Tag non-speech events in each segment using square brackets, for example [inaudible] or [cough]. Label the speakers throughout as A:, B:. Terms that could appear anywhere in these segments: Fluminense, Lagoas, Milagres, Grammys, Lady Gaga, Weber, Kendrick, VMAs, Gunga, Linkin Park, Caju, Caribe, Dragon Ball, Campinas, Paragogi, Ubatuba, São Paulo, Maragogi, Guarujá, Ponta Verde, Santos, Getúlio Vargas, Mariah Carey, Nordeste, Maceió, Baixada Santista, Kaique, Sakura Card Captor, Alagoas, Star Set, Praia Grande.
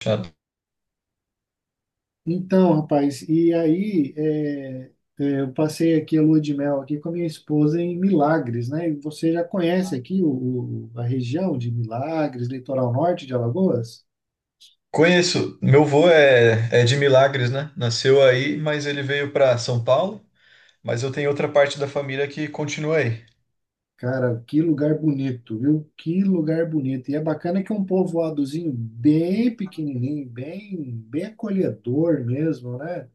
A: Chato.
B: Então, rapaz, eu passei aqui a lua de mel aqui com a minha esposa em Milagres, né? E você já conhece aqui a região de Milagres, litoral norte de Alagoas?
A: Conheço. Meu avô é de Milagres, né? Nasceu aí, mas ele veio para São Paulo. Mas eu tenho outra parte da família que continua aí.
B: Cara, que lugar bonito, viu? Que lugar bonito. E é bacana que é um povoadozinho bem pequenininho, bem acolhedor mesmo, né?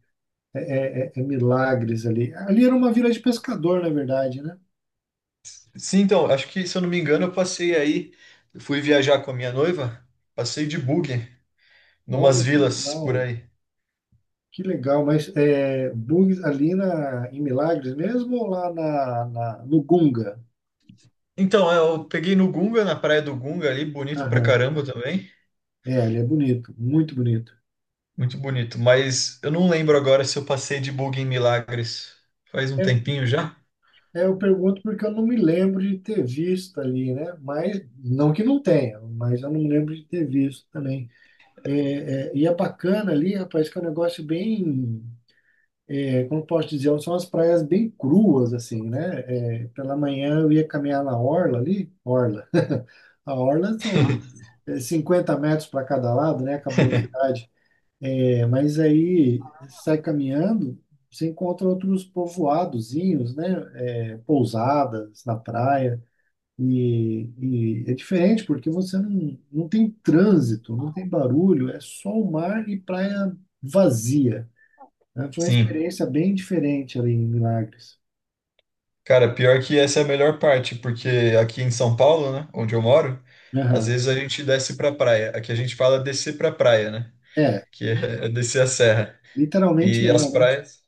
B: É Milagres ali. Ali era uma vila de pescador, na verdade, né?
A: Sim, então, acho que, se eu não me engano, eu passei aí. Eu fui viajar com a minha noiva, passei de buggy, numas
B: Olha que
A: vilas por
B: legal.
A: aí.
B: Que legal, mas é, bugs ali em Milagres mesmo ou lá no Gunga?
A: Então, é, eu peguei no Gunga, na praia do Gunga ali, bonito pra
B: Aham.
A: caramba também.
B: É, ali é bonito, muito bonito.
A: Muito bonito. Mas eu não lembro agora se eu passei de buggy em Milagres. Faz um
B: É,
A: tempinho já?
B: eu pergunto porque eu não me lembro de ter visto ali, né? Mas, não que não tenha, mas eu não me lembro de ter visto também. É, e é bacana ali, rapaz, que é um negócio bem, é, como eu posso dizer, são as praias bem cruas, assim, né? É, pela manhã eu ia caminhar na orla ali, orla. [laughs] A orla são 50 metros para cada lado, né? Acabou a
A: [laughs]
B: cidade. É, mas aí sai caminhando, você encontra outros povoadozinhos, né? É, pousadas na praia. E, e é diferente porque você não tem trânsito, não tem barulho, é só o mar e praia vazia, né? Foi uma
A: Sim.
B: experiência bem diferente ali em Milagres.
A: Cara, pior que essa é a melhor parte, porque aqui em São Paulo, né, onde eu moro, às
B: Aham.
A: vezes a gente desce pra praia. Aqui a gente fala descer pra praia, né?
B: É,
A: Que é uhum, descer a serra.
B: literalmente
A: E as
B: é, né?
A: praias,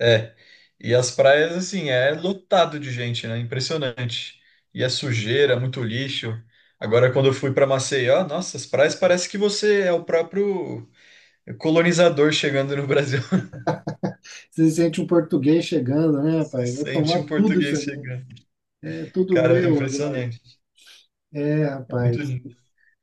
A: é. E as praias, assim, é lotado de gente, né? Impressionante. E é sujeira, é muito lixo. Agora, quando eu fui pra Maceió, nossa, as praias parece que você é o próprio colonizador chegando no Brasil. [laughs]
B: Você sente um português chegando, né,
A: Se
B: rapaz? Vou
A: sente
B: tomar
A: um
B: tudo isso
A: português
B: aqui,
A: chegando.
B: é tudo
A: Cara,
B: meu agora.
A: impressionante.
B: É,
A: É muito
B: rapaz.
A: lindo.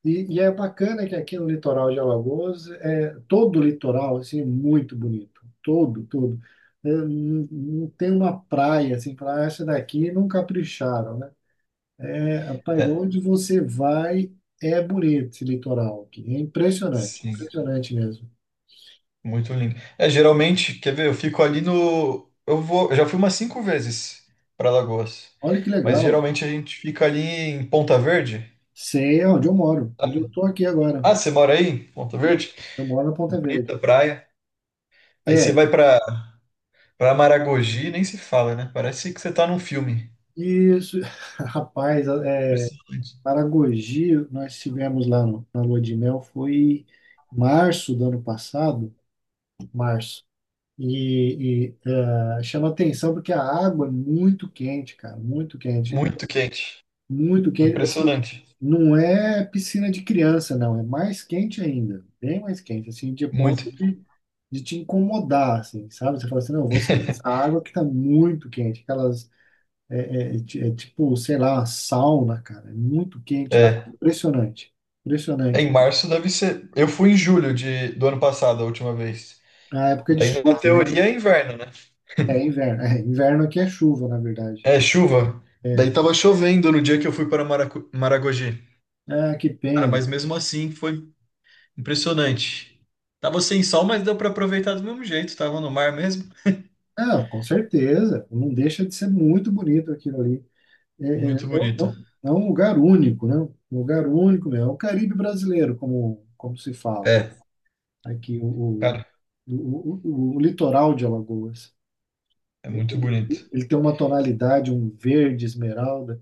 B: E é bacana que aqui no litoral de Alagoas, é, todo o litoral, assim, é muito bonito. Todo, todo. É, não tem uma praia, assim, falar, "Ah, essa daqui não capricharam, né? É, rapaz, de
A: É,
B: onde você vai, é bonito esse litoral aqui. É impressionante,
A: sim.
B: impressionante mesmo.
A: Muito lindo. É, geralmente, quer ver, eu fico ali no. Eu vou, eu já fui umas cinco vezes para Lagoas.
B: Olha que
A: Mas
B: legal.
A: geralmente a gente fica ali em Ponta Verde.
B: Sei onde eu moro, onde eu
A: Sabe?
B: tô aqui agora.
A: Ah, você mora aí? Em Ponta Verde?
B: Eu moro na Ponta Verde.
A: Bonita praia. Aí você vai
B: É,
A: para para Maragogi, nem se fala, né? Parece que você tá num filme.
B: isso, [laughs] rapaz, é,
A: Impressionante.
B: Paragogi, nós tivemos lá na lua de mel, foi em março do ano passado, março. E chama atenção porque a água é muito quente, cara, muito quente. É
A: Muito quente.
B: muito quente. Assim,
A: Impressionante.
B: não é piscina de criança, não, é mais quente ainda, bem mais quente, assim, de
A: Muito.
B: ponto de te incomodar, assim, sabe? Você fala assim, não, eu vou sair dessa
A: [laughs]
B: água que tá muito quente, aquelas é tipo, sei lá, sauna, cara. É muito quente a água.
A: É,
B: Impressionante.
A: em
B: Impressionante.
A: março deve ser. Eu fui em julho de, do ano passado, a última vez.
B: A época de
A: Daí, na
B: chuva, né?
A: teoria, é inverno, né?
B: É inverno. É, inverno aqui é chuva, na verdade.
A: É chuva.
B: É.
A: Daí tava chovendo no dia que eu fui para Maracu- Maragogi.
B: Ah, que
A: Cara,
B: pena.
A: mas mesmo assim foi impressionante. Tava sem sol, mas deu para aproveitar do mesmo jeito. Tava no mar mesmo.
B: Ah, com certeza. Não deixa de ser muito bonito aquilo ali. É, é,
A: Muito
B: é um é
A: bonito.
B: um é um lugar único, né? Um lugar único mesmo. É o Caribe brasileiro, como, como se fala, né?
A: É,
B: Aqui, o,
A: cara,
B: o litoral de Alagoas.
A: é muito bonito.
B: Ele tem uma tonalidade, um verde esmeralda.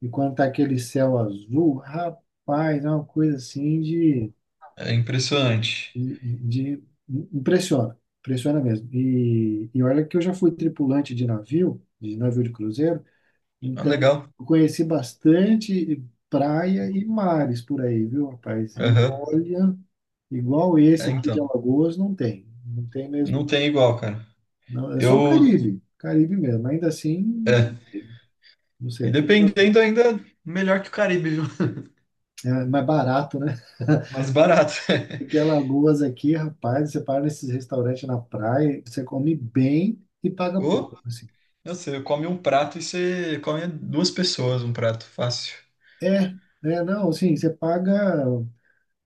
B: E quando tá aquele céu azul, rapaz, é uma coisa assim
A: É impressionante.
B: de impressiona mesmo. E olha que eu já fui tripulante de navio, de navio de cruzeiro,
A: Ah,
B: então
A: legal.
B: eu conheci bastante praia e mares por aí, viu, rapaz? E
A: Aham.
B: olha, igual esse
A: É,
B: aqui de
A: então.
B: Alagoas não tem, não tem mesmo,
A: Não tem igual, cara.
B: não. É só o
A: Eu.
B: Caribe, Caribe mesmo. Ainda assim,
A: É.
B: não
A: E
B: sei, fica
A: dependendo ainda, melhor que o Caribe, viu?
B: é mais barato, né?
A: Mais barato. [laughs]
B: Porque Alagoas aqui, rapaz, você para nesses restaurantes na praia, você come bem e paga
A: Ou,
B: pouco, assim.
A: não sei, come um prato e você come duas pessoas um prato. Fácil.
B: É, não, assim, você paga,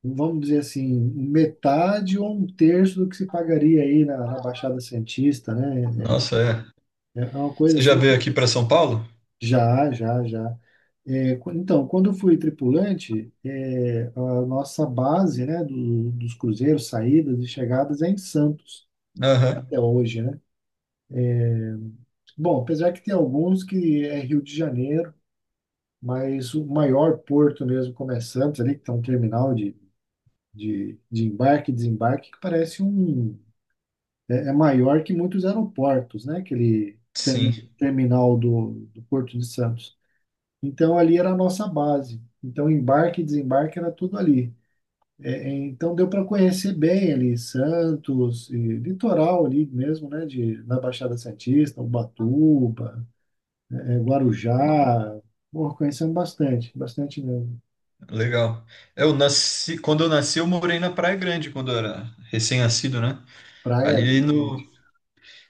B: vamos dizer assim, metade ou um terço do que se pagaria aí na Baixada Santista, né? É
A: Nossa, é.
B: é uma coisa
A: Você já
B: assim,
A: veio aqui para São Paulo?
B: já, já, já. Então, quando eu fui tripulante, é, a nossa base, né, dos cruzeiros, saídas e chegadas é em Santos,
A: Aham,
B: até hoje, né? Bom, apesar que tem alguns que é Rio de Janeiro, mas o maior porto mesmo começando ali, que tem um terminal de embarque e desembarque, que parece um. É, é maior que muitos aeroportos, né? Aquele
A: sim.
B: terminal do Porto de Santos. Então ali era a nossa base. Então embarque e desembarque era tudo ali. Então deu para conhecer bem ali Santos, e litoral ali mesmo, né? De, na Baixada Santista, Ubatuba, é, Guarujá. Bom, conhecemos bastante, bastante mesmo.
A: Legal. Eu nasci, quando eu nasci, eu morei na Praia Grande, quando eu era recém-nascido, né?
B: Praia
A: Ali
B: Grande.
A: no,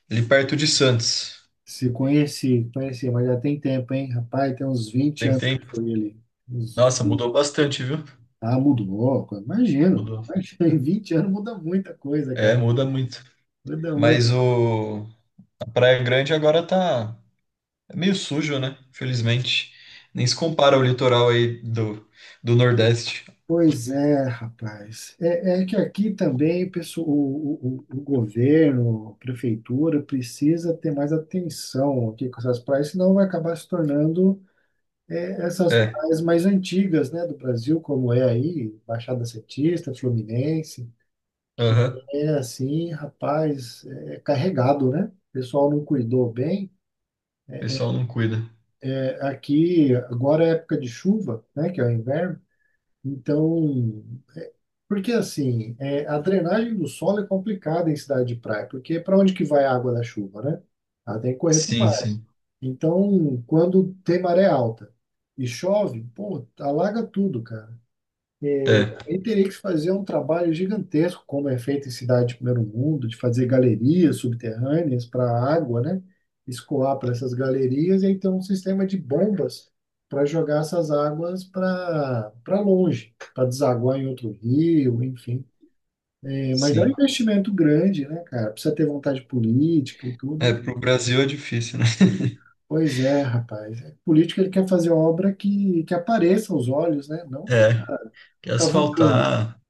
A: ali perto de Santos.
B: Se conheci, conheci, mas já tem tempo, hein? Rapaz, tem uns vinte
A: Tem
B: anos que
A: tempo.
B: foi ali. Uns
A: Nossa,
B: 20.
A: mudou bastante, viu?
B: Ah, mudou. Imagino.
A: Mudou.
B: Imagino. [laughs] Em 20 anos muda muita coisa,
A: É,
B: cara.
A: muda muito.
B: Muda
A: Mas
B: muita.
A: o a Praia Grande agora tá é meio sujo, né? Infelizmente. Nem se compara ao litoral aí do, do Nordeste.
B: Pois é, rapaz. É, é que aqui também pessoal, o governo, a prefeitura, precisa ter mais atenção aqui com essas praias, senão vai acabar se tornando é, essas
A: É.
B: praias mais antigas, né, do Brasil, como é aí, Baixada Santista, Fluminense. Que
A: Aham.
B: é assim, rapaz, é carregado, né? O pessoal não cuidou bem.
A: O pessoal não cuida.
B: É, aqui, agora é época de chuva, né, que é o inverno. Então, porque assim, é, a drenagem do solo é complicada em cidade de praia, porque para onde que vai a água da chuva, né? Ela tem que correr para o
A: Sim,
B: mar.
A: sim.
B: Então, quando tem maré alta e chove, pô, alaga tudo, cara.
A: É,
B: Aí teria que se fazer um trabalho gigantesco, como é feito em cidades de primeiro mundo, de fazer galerias subterrâneas para a água, né? Escoar para essas galerias e aí ter um sistema de bombas para jogar essas águas para longe, para desaguar em outro rio, enfim. É, mas é um
A: sim.
B: investimento grande, né, cara? Precisa ter vontade política e tudo.
A: É,
B: E
A: pro Brasil é difícil, né?
B: pois é, rapaz. É, político ele quer fazer obra que apareça aos olhos, né? Não ficar
A: É, que
B: cavucando.
A: asfaltar,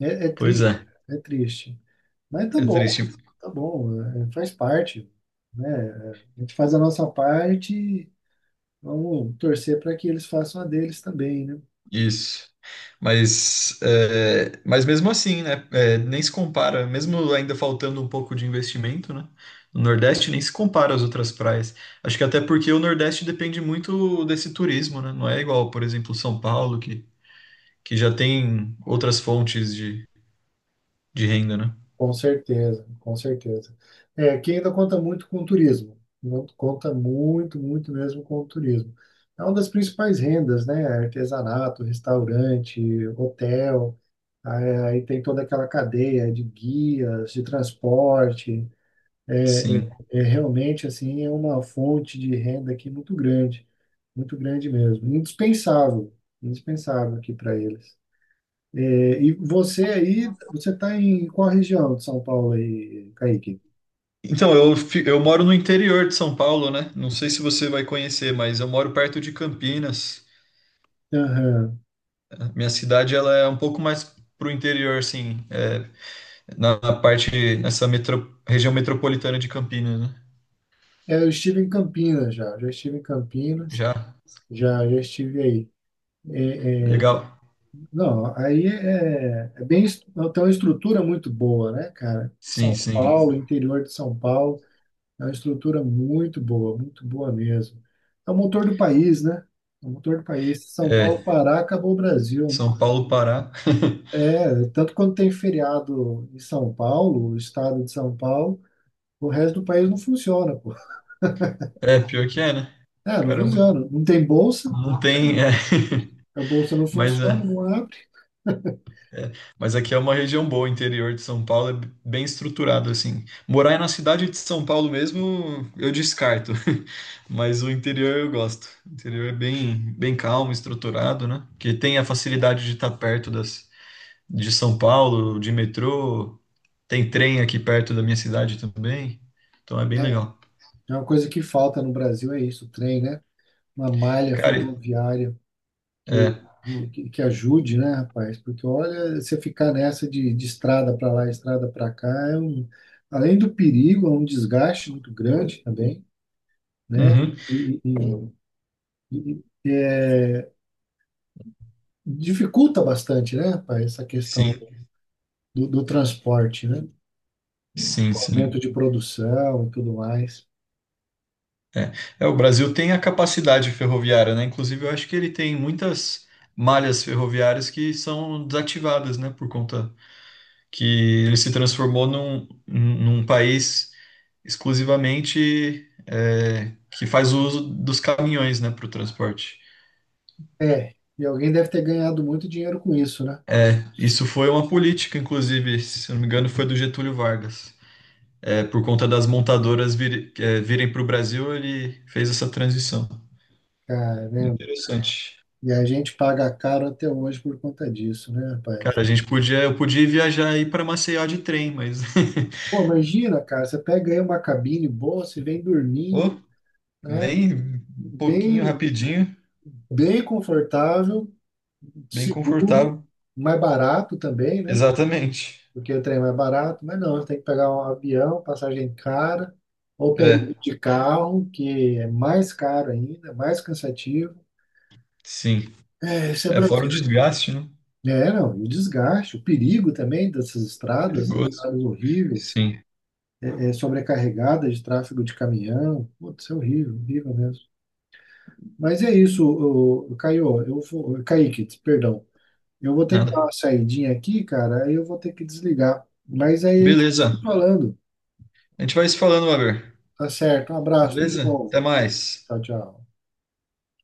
B: É, é
A: pois
B: triste,
A: é.
B: é triste. Mas
A: É triste
B: tá bom, é, faz parte, né? A gente faz a nossa parte, e vamos torcer para que eles façam a deles também, né?
A: isso. Mas, é, mas mesmo assim, né? É, nem se compara, mesmo ainda faltando um pouco de investimento, né? O Nordeste nem se compara às outras praias. Acho que até porque o Nordeste depende muito desse turismo, né? Não é igual, por exemplo, São Paulo, que já tem outras fontes de renda, né?
B: Com certeza, com certeza. É, aqui ainda conta muito com o turismo, não- conta muito, muito mesmo com o turismo. É uma das principais rendas, né? Artesanato, restaurante, hotel, aí tem toda aquela cadeia de guias, de transporte.
A: Sim.
B: É, realmente, assim, é uma fonte de renda aqui muito grande. Muito grande mesmo. Indispensável. Indispensável aqui para eles. É, e você aí, você está em qual região de São Paulo aí, Kaique?
A: Então, eu, fi- eu moro no interior de São Paulo, né? Não sei se você vai conhecer, mas eu moro perto de Campinas.
B: Aham.
A: Minha cidade, ela é um pouco mais pro interior, assim, é, na na parte, nessa metro- região metropolitana de Campinas, né?
B: É, eu estive em Campinas já. Já estive em Campinas.
A: Já?
B: Já, já estive aí. É, é,
A: Legal.
B: Não, aí é, é bem, tem uma estrutura muito boa, né, cara? São
A: Sim, sim.
B: Paulo, interior de São Paulo, é uma estrutura muito boa mesmo. É o motor do país, né? É o motor do país. Se São
A: É,
B: Paulo parar, acabou o Brasil, né?
A: São Paulo, Pará. [laughs]
B: É, tanto quando tem feriado em São Paulo, o estado de São Paulo, o resto do país não funciona, pô.
A: É, pior que é, né?
B: É, não
A: Caramba,
B: funciona. Não tem bolsa,
A: não tem, é. [laughs]
B: a bolsa não
A: Mas
B: funciona,
A: é.
B: não abre.
A: Mas aqui é uma região boa, o interior de São Paulo é b- bem estruturado, assim. Morar aí na cidade de São Paulo mesmo, eu descarto. [laughs] Mas o interior eu gosto. O interior é bem, bem calmo, estruturado, né? Que tem a facilidade de estar perto das, de São Paulo, de metrô. Tem trem aqui perto da minha cidade também. Então é bem legal.
B: É uma coisa que falta no Brasil, é isso, o trem, né? Uma malha
A: Cara,
B: ferroviária que,
A: é.
B: que ajude, né, rapaz? Porque olha, você ficar nessa de estrada para lá, estrada para cá, é um, além do perigo, é um desgaste muito grande também, né?
A: Uhum.
B: E, e- e dificulta bastante, né, rapaz, essa questão
A: Sim,
B: do transporte, né?
A: sim, sim.
B: Aumento de produção e tudo mais.
A: É, o Brasil tem a capacidade ferroviária, né? Inclusive, eu acho que ele tem muitas malhas ferroviárias que são desativadas, né? Por conta que ele se transformou num, num país exclusivamente é, que faz uso dos caminhões, né, para o transporte.
B: É, e alguém deve ter ganhado muito dinheiro com isso, né?
A: Isso foi uma política, inclusive, se eu não me engano, foi do Getúlio Vargas. É, por conta das montadoras vir- é, virem para o Brasil, ele fez essa transição.
B: Caramba.
A: Interessante.
B: E a gente paga caro até hoje por conta disso, né, rapaz?
A: Cara, a gente podia, eu podia viajar aí para Maceió de trem, mas [laughs]
B: Pô, imagina, cara, você pega aí uma cabine boa, você vem dormindo,
A: Ô,
B: né?
A: nem um pouquinho,
B: Bem,
A: rapidinho,
B: bem confortável,
A: bem
B: seguro,
A: confortável.
B: mais barato também, né?
A: Exatamente.
B: Porque o trem é barato, mas não, você tem que pegar um avião, passagem cara, ou pegar
A: É,
B: um de carro, que é mais caro ainda, é mais cansativo.
A: sim.
B: É, isso é
A: É fora o
B: Brasil.
A: desgaste, né?
B: É, não, e o desgaste, o perigo também dessas estradas, né?
A: Perigoso.
B: Estradas horríveis,
A: Sim.
B: é, sobrecarregadas de tráfego de caminhão. Putz, isso é horrível, horrível mesmo. Mas é isso, o, Caio, eu vou, Kaique, perdão. Eu vou ter que dar uma
A: Nada.
B: saidinha aqui, cara, aí eu vou ter que desligar. Mas aí a gente vai se
A: Beleza.
B: falando.
A: A gente vai se falando, Weber.
B: Tá certo, um abraço, tudo de
A: Beleza?
B: bom.
A: Até mais.
B: Tchau, tchau.